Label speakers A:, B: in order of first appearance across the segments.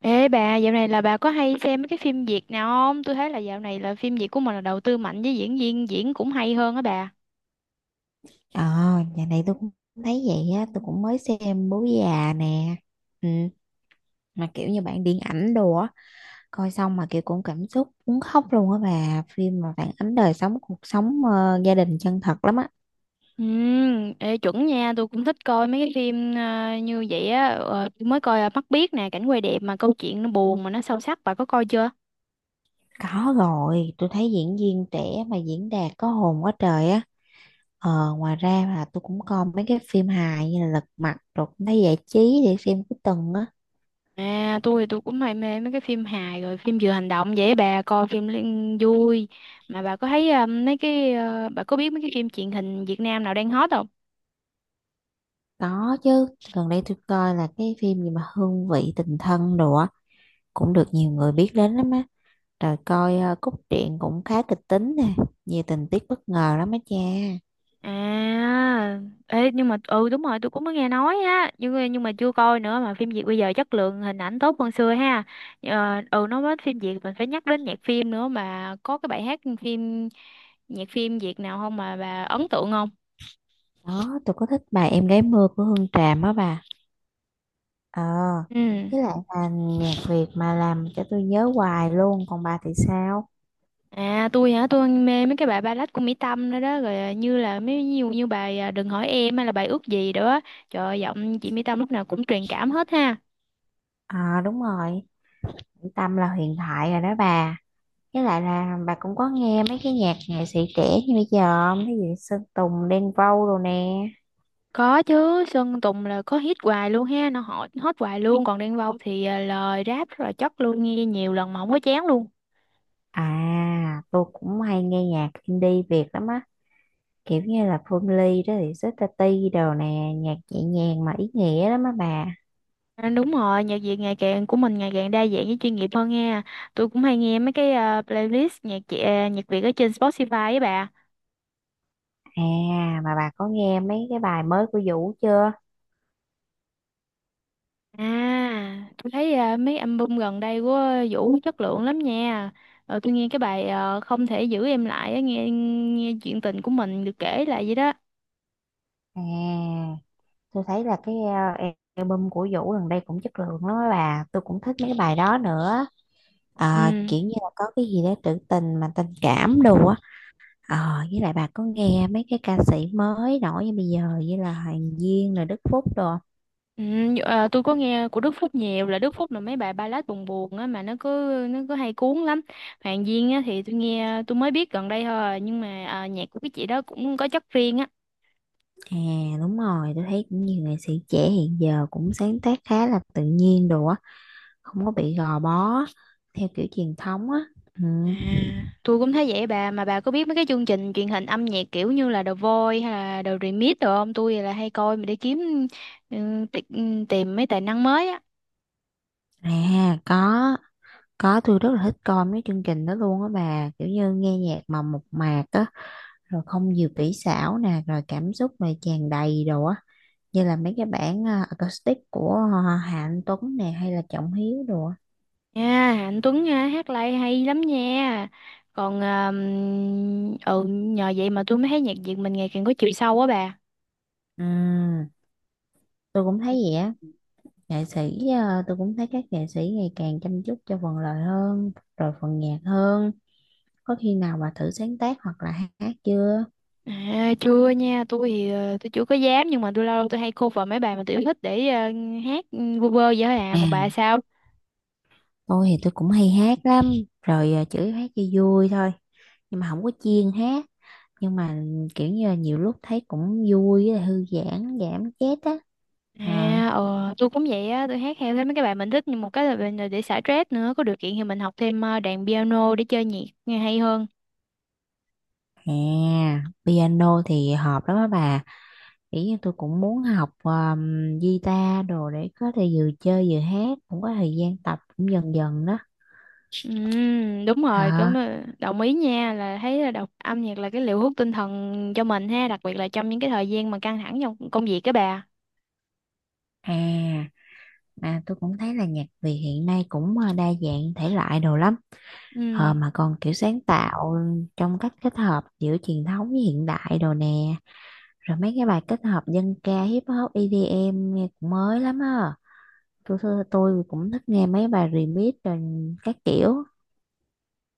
A: Ê bà, dạo này là bà có hay xem mấy cái phim Việt nào không? Tôi thấy là dạo này là phim Việt của mình là đầu tư mạnh với diễn viên diễn cũng hay hơn á bà.
B: Ờ, nhà này tôi cũng thấy vậy á, tôi cũng mới xem Bố Già nè. Ừ, mà kiểu như bạn điện ảnh đồ á, coi xong mà kiểu cũng cảm xúc muốn khóc luôn á bà, phim mà phản ánh đời sống cuộc sống gia đình chân thật lắm á.
A: Ừ, ê, chuẩn nha, tôi cũng thích coi mấy cái phim như vậy á. Ờ, tôi mới coi Mắt Biếc nè, cảnh quay đẹp mà câu chuyện nó buồn mà nó sâu sắc, bà có coi chưa?
B: Có rồi, tôi thấy diễn viên trẻ mà diễn đạt có hồn quá trời á. Ờ, ngoài ra là tôi cũng coi mấy cái phim hài như là Lật Mặt rồi cũng thấy giải trí để xem cuối tuần á.
A: À, tôi thì tôi cũng hay mê mấy cái phim hài rồi phim vừa hành động vậy á bà coi vui. Mà bà có thấy bà có biết mấy cái phim truyền hình Việt Nam nào đang hot không?
B: Có chứ, gần đây tôi coi là cái phim gì mà Hương vị tình thân đồ á, cũng được nhiều người biết đến lắm á. Rồi coi cốt truyện cũng khá kịch tính nè, nhiều tình tiết bất ngờ lắm á cha.
A: À, ê, nhưng mà ừ đúng rồi tôi cũng mới nghe nói á nhưng mà chưa coi nữa mà phim Việt bây giờ chất lượng hình ảnh tốt hơn xưa ha. Ờ, ừ nói đến phim Việt mình phải nhắc đến nhạc phim nữa mà có cái bài hát phim nhạc phim Việt nào không mà bà ấn tượng không?
B: Đó, tôi có thích bài Em gái mưa của Hương Tràm á bà. Ờ,
A: Ừ,
B: với lại là nhạc Việt mà làm cho tôi nhớ hoài luôn, còn bà thì sao?
A: à, tôi hả, tôi mê mấy cái bài ballad của Mỹ Tâm đó đó rồi à, như là mấy nhiều như bài à, Đừng hỏi em hay là bài Ước gì đó. Trời ơi, giọng chị Mỹ Tâm lúc nào cũng truyền cảm hết ha.
B: Ờ đúng rồi, Tâm là huyền thoại rồi đó bà. Với lại là bà cũng có nghe mấy cái nhạc nghệ sĩ trẻ như bây giờ không? Cái gì Sơn Tùng, Đen Vâu đồ nè.
A: Có chứ, Sơn Tùng là có hit hoài luôn ha, nó hot, hot hoài luôn. Còn Đen Vâu thì à, lời rap rất là chất luôn, nghe nhiều lần mà không có chán luôn.
B: À, tôi cũng hay nghe nhạc indie Việt lắm á. Kiểu như là Phương Ly đó thì Sister T đồ nè, nhạc nhẹ nhàng mà ý nghĩa lắm á bà.
A: À, đúng rồi, nhạc Việt ngày càng của mình ngày càng đa dạng với chuyên nghiệp hơn nha. Tôi cũng hay nghe mấy cái à, playlist nhạc Việt ở trên Spotify ấy bà.
B: À mà bà có nghe mấy cái bài mới của Vũ chưa?
A: À, tôi thấy à, mấy album gần đây của Vũ chất lượng lắm nha. Ờ, tôi nghe cái bài Không thể giữ em lại á, nghe nghe chuyện tình của mình được kể lại vậy đó.
B: À tôi thấy là album của Vũ gần đây cũng chất lượng lắm á bà, tôi cũng thích mấy cái bài đó nữa. Ờ,
A: Ừ.
B: kiểu như là có cái gì đó trữ tình mà tình cảm đồ á. Ờ, với lại bà có nghe mấy cái ca sĩ mới nổi như bây giờ như là Hoàng Duyên rồi Đức Phúc đồ.
A: Ừ, à, tôi có nghe của Đức Phúc nhiều, là Đức Phúc là mấy bài ballad buồn buồn á mà nó cứ hay cuốn lắm. Hoàng Duyên á thì tôi mới biết gần đây thôi nhưng mà à, nhạc của cái chị đó cũng có chất riêng á.
B: À đúng rồi, tôi thấy cũng nhiều nghệ sĩ trẻ hiện giờ cũng sáng tác khá là tự nhiên đồ á, không có bị gò bó theo kiểu truyền thống á. Ừ.
A: À, tôi cũng thấy vậy bà, mà bà có biết mấy cái chương trình truyền hình âm nhạc kiểu như là The Voice hay là The Remix rồi không, tôi là hay coi mà để kiếm tìm mấy tài năng mới á.
B: À có tôi rất là thích coi mấy chương trình đó luôn á bà, kiểu như nghe nhạc mà mộc mạc á, rồi không nhiều kỹ xảo nè, rồi cảm xúc này tràn đầy đồ á, như là mấy cái bản acoustic của Hà Anh Tuấn nè hay là Trọng Hiếu đồ á.
A: Nha Anh Tuấn ha, hát live hay lắm nha. Còn à, ừ nhờ vậy mà tôi mới thấy nhạc Việt mình ngày càng có chiều sâu á bà.
B: Ừ, tôi cũng thấy vậy á. Nghệ sĩ tôi cũng thấy các nghệ sĩ ngày càng chăm chút cho phần lời hơn rồi phần nhạc hơn. Có khi nào bà thử sáng tác hoặc là hát chưa?
A: À, chưa nha, tôi thì tôi chưa có dám nhưng mà tôi lâu lâu tôi hay cover mấy bài mà tôi yêu thích để hát ừ, vu vơ vậy thôi à,
B: À,
A: còn bà sao?
B: tôi thì tôi cũng hay hát lắm, rồi chủ yếu hát cho vui thôi, nhưng mà không có chuyên hát, nhưng mà kiểu như là nhiều lúc thấy cũng vui với lại thư giãn, giảm stress á. À,
A: À, ờ, tôi cũng vậy á, tôi hát theo thấy mấy cái bài mình thích nhưng một cái là mình là để xả stress nữa, có điều kiện thì mình học thêm đàn piano để chơi nhạc nghe hay hơn.
B: à, piano thì hợp lắm á bà, kiểu như tôi cũng muốn học guitar đồ để có thể vừa chơi vừa hát, cũng có thời gian tập cũng dần dần đó.
A: Ừ, đúng rồi, cũng
B: Hả?
A: ờ, đồng ý nha, là thấy là đọc âm nhạc là cái liều hút tinh thần cho mình ha, đặc biệt là trong những cái thời gian mà căng thẳng trong công việc các bà.
B: À, mà tôi cũng thấy là nhạc Việt hiện nay cũng đa dạng thể loại đồ lắm.
A: Ừ.
B: Ờ, mà còn kiểu sáng tạo trong cách kết hợp giữa truyền thống với hiện đại đồ nè. Rồi mấy cái bài kết hợp dân ca, hip hop, EDM nghe cũng mới lắm á. Tôi cũng thích nghe mấy bài remix rồi các kiểu.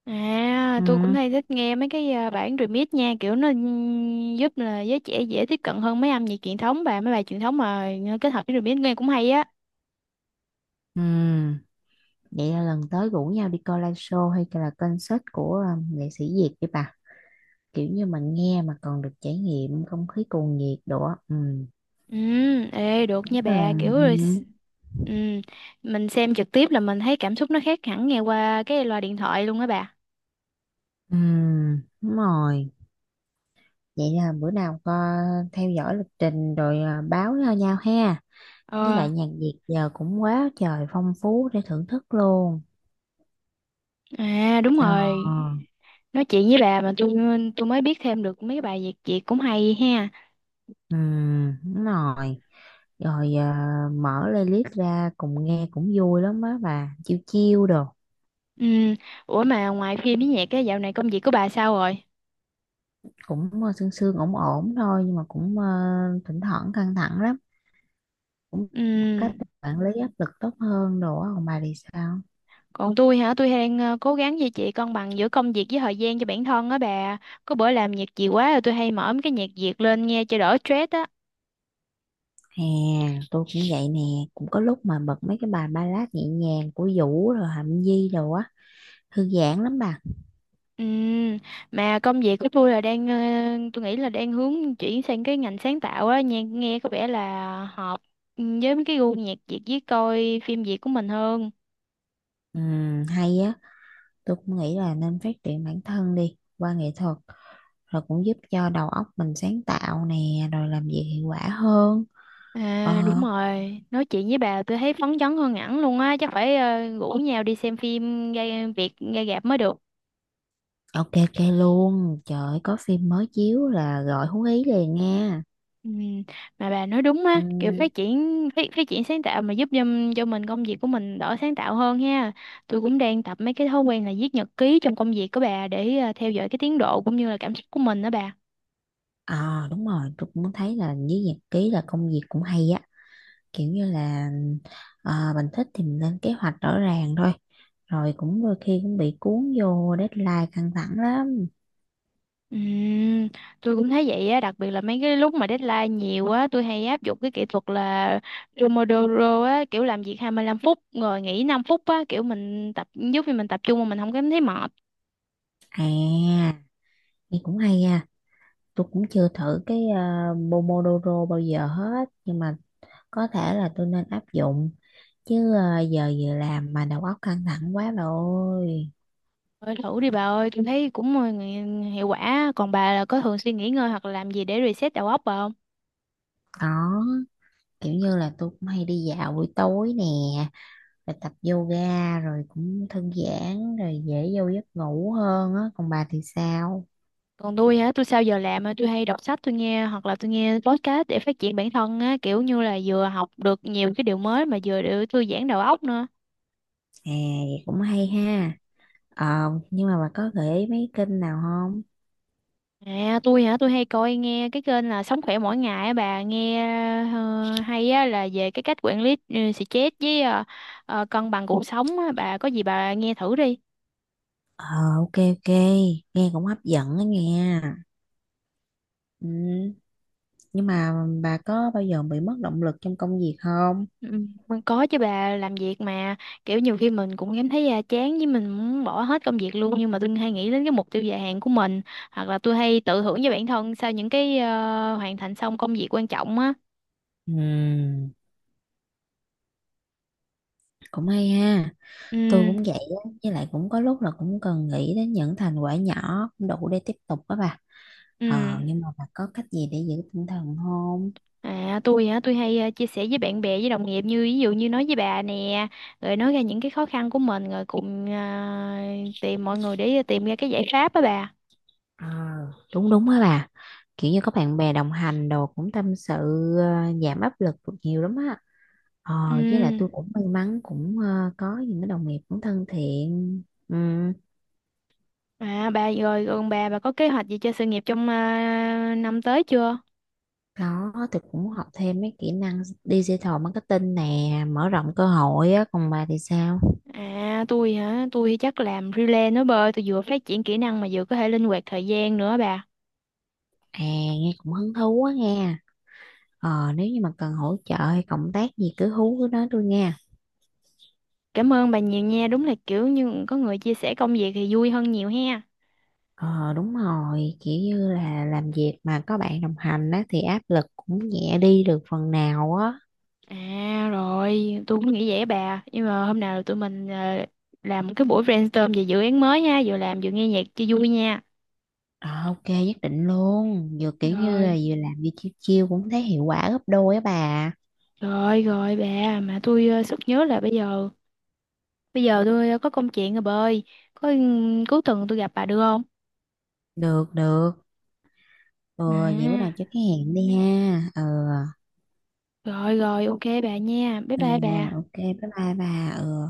A: À, tôi cũng
B: Ừ,
A: hay thích nghe mấy cái à, bản remix nha, kiểu nó giúp là giới trẻ dễ tiếp cận hơn mấy âm nhạc truyền thống bà, mấy bài truyền thống mà kết hợp với remix nghe cũng hay á.
B: ừ. Vậy là lần tới rủ nhau đi coi live show hay là concert của nghệ sĩ Việt đi bà. Kiểu như mà nghe mà còn được trải nghiệm không khí cuồng nhiệt đồ á. Ừ.
A: Ừ, ê được
B: Ừ.
A: nha bà, ừ, mình xem trực tiếp là mình thấy cảm xúc nó khác hẳn nghe qua cái loa điện thoại luôn á bà.
B: Ừ, đúng rồi. Vậy là bữa nào có theo dõi lịch trình rồi báo cho nhau ha. Với
A: Ờ,
B: lại nhạc Việt giờ cũng quá trời phong phú để thưởng thức luôn.
A: à đúng
B: Ờ,
A: rồi. Nói chuyện với bà mà tôi mới biết thêm được mấy cái bài Việt Việt cũng hay ha.
B: ừ, đúng rồi. Rồi mở playlist ra cùng nghe cũng vui lắm á bà. Chiêu chiêu đồ.
A: Ừ, ủa mà ngoài phim với nhạc cái dạo này công việc của bà sao rồi?
B: Cũng sương sương ổn ổn thôi nhưng mà cũng thỉnh thoảng căng thẳng lắm. Cũng một
A: Ừ.
B: cách để quản lý áp lực tốt hơn đồ á. Còn bà thì sao?
A: Còn tôi hả? Tôi đang cố gắng duy trì cân bằng giữa công việc với thời gian cho bản thân á bà. Có bữa làm việc nhiều quá rồi tôi hay mở mấy cái nhạc Việt lên nghe cho đỡ stress á.
B: À, tôi cũng vậy nè, cũng có lúc mà bật mấy cái bài ballad nhẹ nhàng của Vũ rồi Hạnh Nhi rồi á, thư giãn lắm bà.
A: Ừm, Mà công việc của tôi là đang tôi nghĩ là đang hướng chuyển sang cái ngành sáng tạo á, nghe có vẻ là hợp ừ, với mấy cái gu nhạc Việt với coi phim Việt của mình hơn.
B: Hay á, tôi cũng nghĩ là nên phát triển bản thân đi qua nghệ thuật, rồi cũng giúp cho đầu óc mình sáng tạo nè, rồi làm việc hiệu quả hơn. Ờ,
A: À đúng rồi, nói chuyện với bà tôi thấy phấn chấn hơn hẳn luôn á, chắc phải ờ, rủ nhau đi xem phim ra Việt ra rạp mới được.
B: ok ok luôn, trời ơi, có phim mới chiếu là gọi Hú Ý liền nha.
A: Ừ, mà bà nói đúng á, kiểu
B: Ừm,
A: phát triển sáng tạo mà giúp cho mình công việc của mình đỡ sáng tạo hơn ha. Tôi cũng đang tập mấy cái thói quen là viết nhật ký trong công việc của bà để à, theo dõi cái tiến độ cũng như là cảm xúc của mình đó bà.
B: à đúng rồi, tôi cũng thấy là với nhật ký là công việc cũng hay á. Kiểu như là mình thích thì mình lên kế hoạch rõ ràng thôi, rồi cũng đôi khi cũng bị cuốn vô deadline căng thẳng lắm.
A: Ừm, tôi cũng thấy vậy á, đặc biệt là mấy cái lúc mà deadline nhiều á, tôi hay áp dụng cái kỹ thuật là Pomodoro á, kiểu làm việc 25 phút rồi nghỉ 5 phút á, kiểu mình tập giúp cho mình tập trung mà mình không cảm thấy mệt.
B: À nghe cũng hay nha, tôi cũng chưa thử Pomodoro bao giờ hết nhưng mà có thể là tôi nên áp dụng, chứ giờ vừa làm mà đầu óc căng thẳng quá rồi ôi.
A: Thôi thử đi bà ơi, tôi thấy cũng ờ, hiệu quả. Còn bà là có thường xuyên nghỉ ngơi hoặc là làm gì để reset đầu óc bà không?
B: Có, kiểu như là tôi cũng hay đi dạo buổi tối nè, rồi tập yoga rồi cũng thư giãn rồi dễ vô giấc ngủ hơn á, còn bà thì sao?
A: Còn tôi hả, tôi sau giờ làm á, tôi hay đọc sách tôi nghe hoặc là tôi nghe podcast để phát triển bản thân á, kiểu như là vừa học được nhiều cái điều mới mà vừa để thư giãn đầu óc nữa.
B: À vậy cũng hay ha. Ờ nhưng mà bà có gợi ý mấy kênh nào không?
A: À, tôi hả, tôi hay nghe cái kênh là Sống khỏe mỗi ngày á bà, nghe ờ, hay á, là về cái cách quản lý stress với cân bằng cuộc sống á, bà có gì bà nghe thử đi.
B: Ờ ok ok, nghe cũng hấp dẫn đó nghe. Ừ, nhưng mà bà có bao giờ bị mất động lực trong công việc không?
A: Ừ, mình có chứ bà, làm việc mà kiểu nhiều khi mình cũng cảm thấy à, chán với mình muốn bỏ hết công việc luôn, nhưng mà tôi hay nghĩ đến cái mục tiêu dài hạn của mình hoặc là tôi hay tự thưởng cho bản thân sau những cái ờ, hoàn thành xong công việc quan trọng á.
B: Ừ, cũng hay ha. Tôi
A: Ừ,
B: cũng vậy á, với lại cũng có lúc là cũng cần nghĩ đến những thành quả nhỏ cũng đủ để tiếp tục đó bà.
A: ừ,
B: Ờ nhưng mà bà có cách gì để giữ tinh thần không?
A: à, tôi hả, tôi hay chia sẻ với bạn bè với đồng nghiệp, như ví dụ như nói với bà nè, rồi nói ra những cái khó khăn của mình rồi cùng ờ, tìm mọi người để tìm ra cái giải pháp á bà.
B: Ờ, đúng đúng á bà, kiểu như có bạn bè đồng hành đồ cũng tâm sự, giảm áp lực được nhiều lắm á. Ờ với lại
A: Ừ.
B: tôi cũng may mắn cũng có những cái đồng nghiệp cũng thân thiện. Ừ,
A: À bà, còn bà có kế hoạch gì cho sự nghiệp trong à, năm tới chưa?
B: đó tôi cũng học thêm mấy kỹ năng digital marketing nè, mở rộng cơ hội á, còn bà thì sao?
A: À tôi hả? Tôi thì chắc làm freelance nữa bơi. Tôi vừa phát triển kỹ năng mà vừa có thể linh hoạt thời gian nữa bà.
B: À nghe cũng hứng thú quá nghe. Ờ nếu như mà cần hỗ trợ hay cộng tác gì cứ hú cứ nói tôi nghe.
A: Cảm ơn bà nhiều nha. Đúng là kiểu như có người chia sẻ công việc thì vui hơn nhiều ha.
B: Ờ đúng rồi, kiểu như là làm việc mà có bạn đồng hành á thì áp lực cũng nhẹ đi được phần nào á.
A: À rồi, tôi cũng nghĩ vậy á bà. Nhưng mà hôm nào tụi mình làm cái buổi brainstorm về dự án mới nha. Vừa làm vừa nghe nhạc cho vui nha.
B: Ờ, ok nhất định luôn, vừa kiểu như là
A: Rồi,
B: vừa làm vừa chiêu chiêu cũng thấy hiệu quả gấp đôi á bà.
A: rồi bà. Mà tôi sực nhớ là bây giờ tôi ờ, có công chuyện rồi bơi. Có ừ, cuối tuần tôi gặp bà được không?
B: Được được, ừ, vậy bữa nào cho
A: À,
B: cái hẹn đi ha. Ừ,
A: rồi, ok bà nha. Bye
B: ừ
A: bye
B: ừ,
A: bà.
B: ok bye bye bà. Ừ.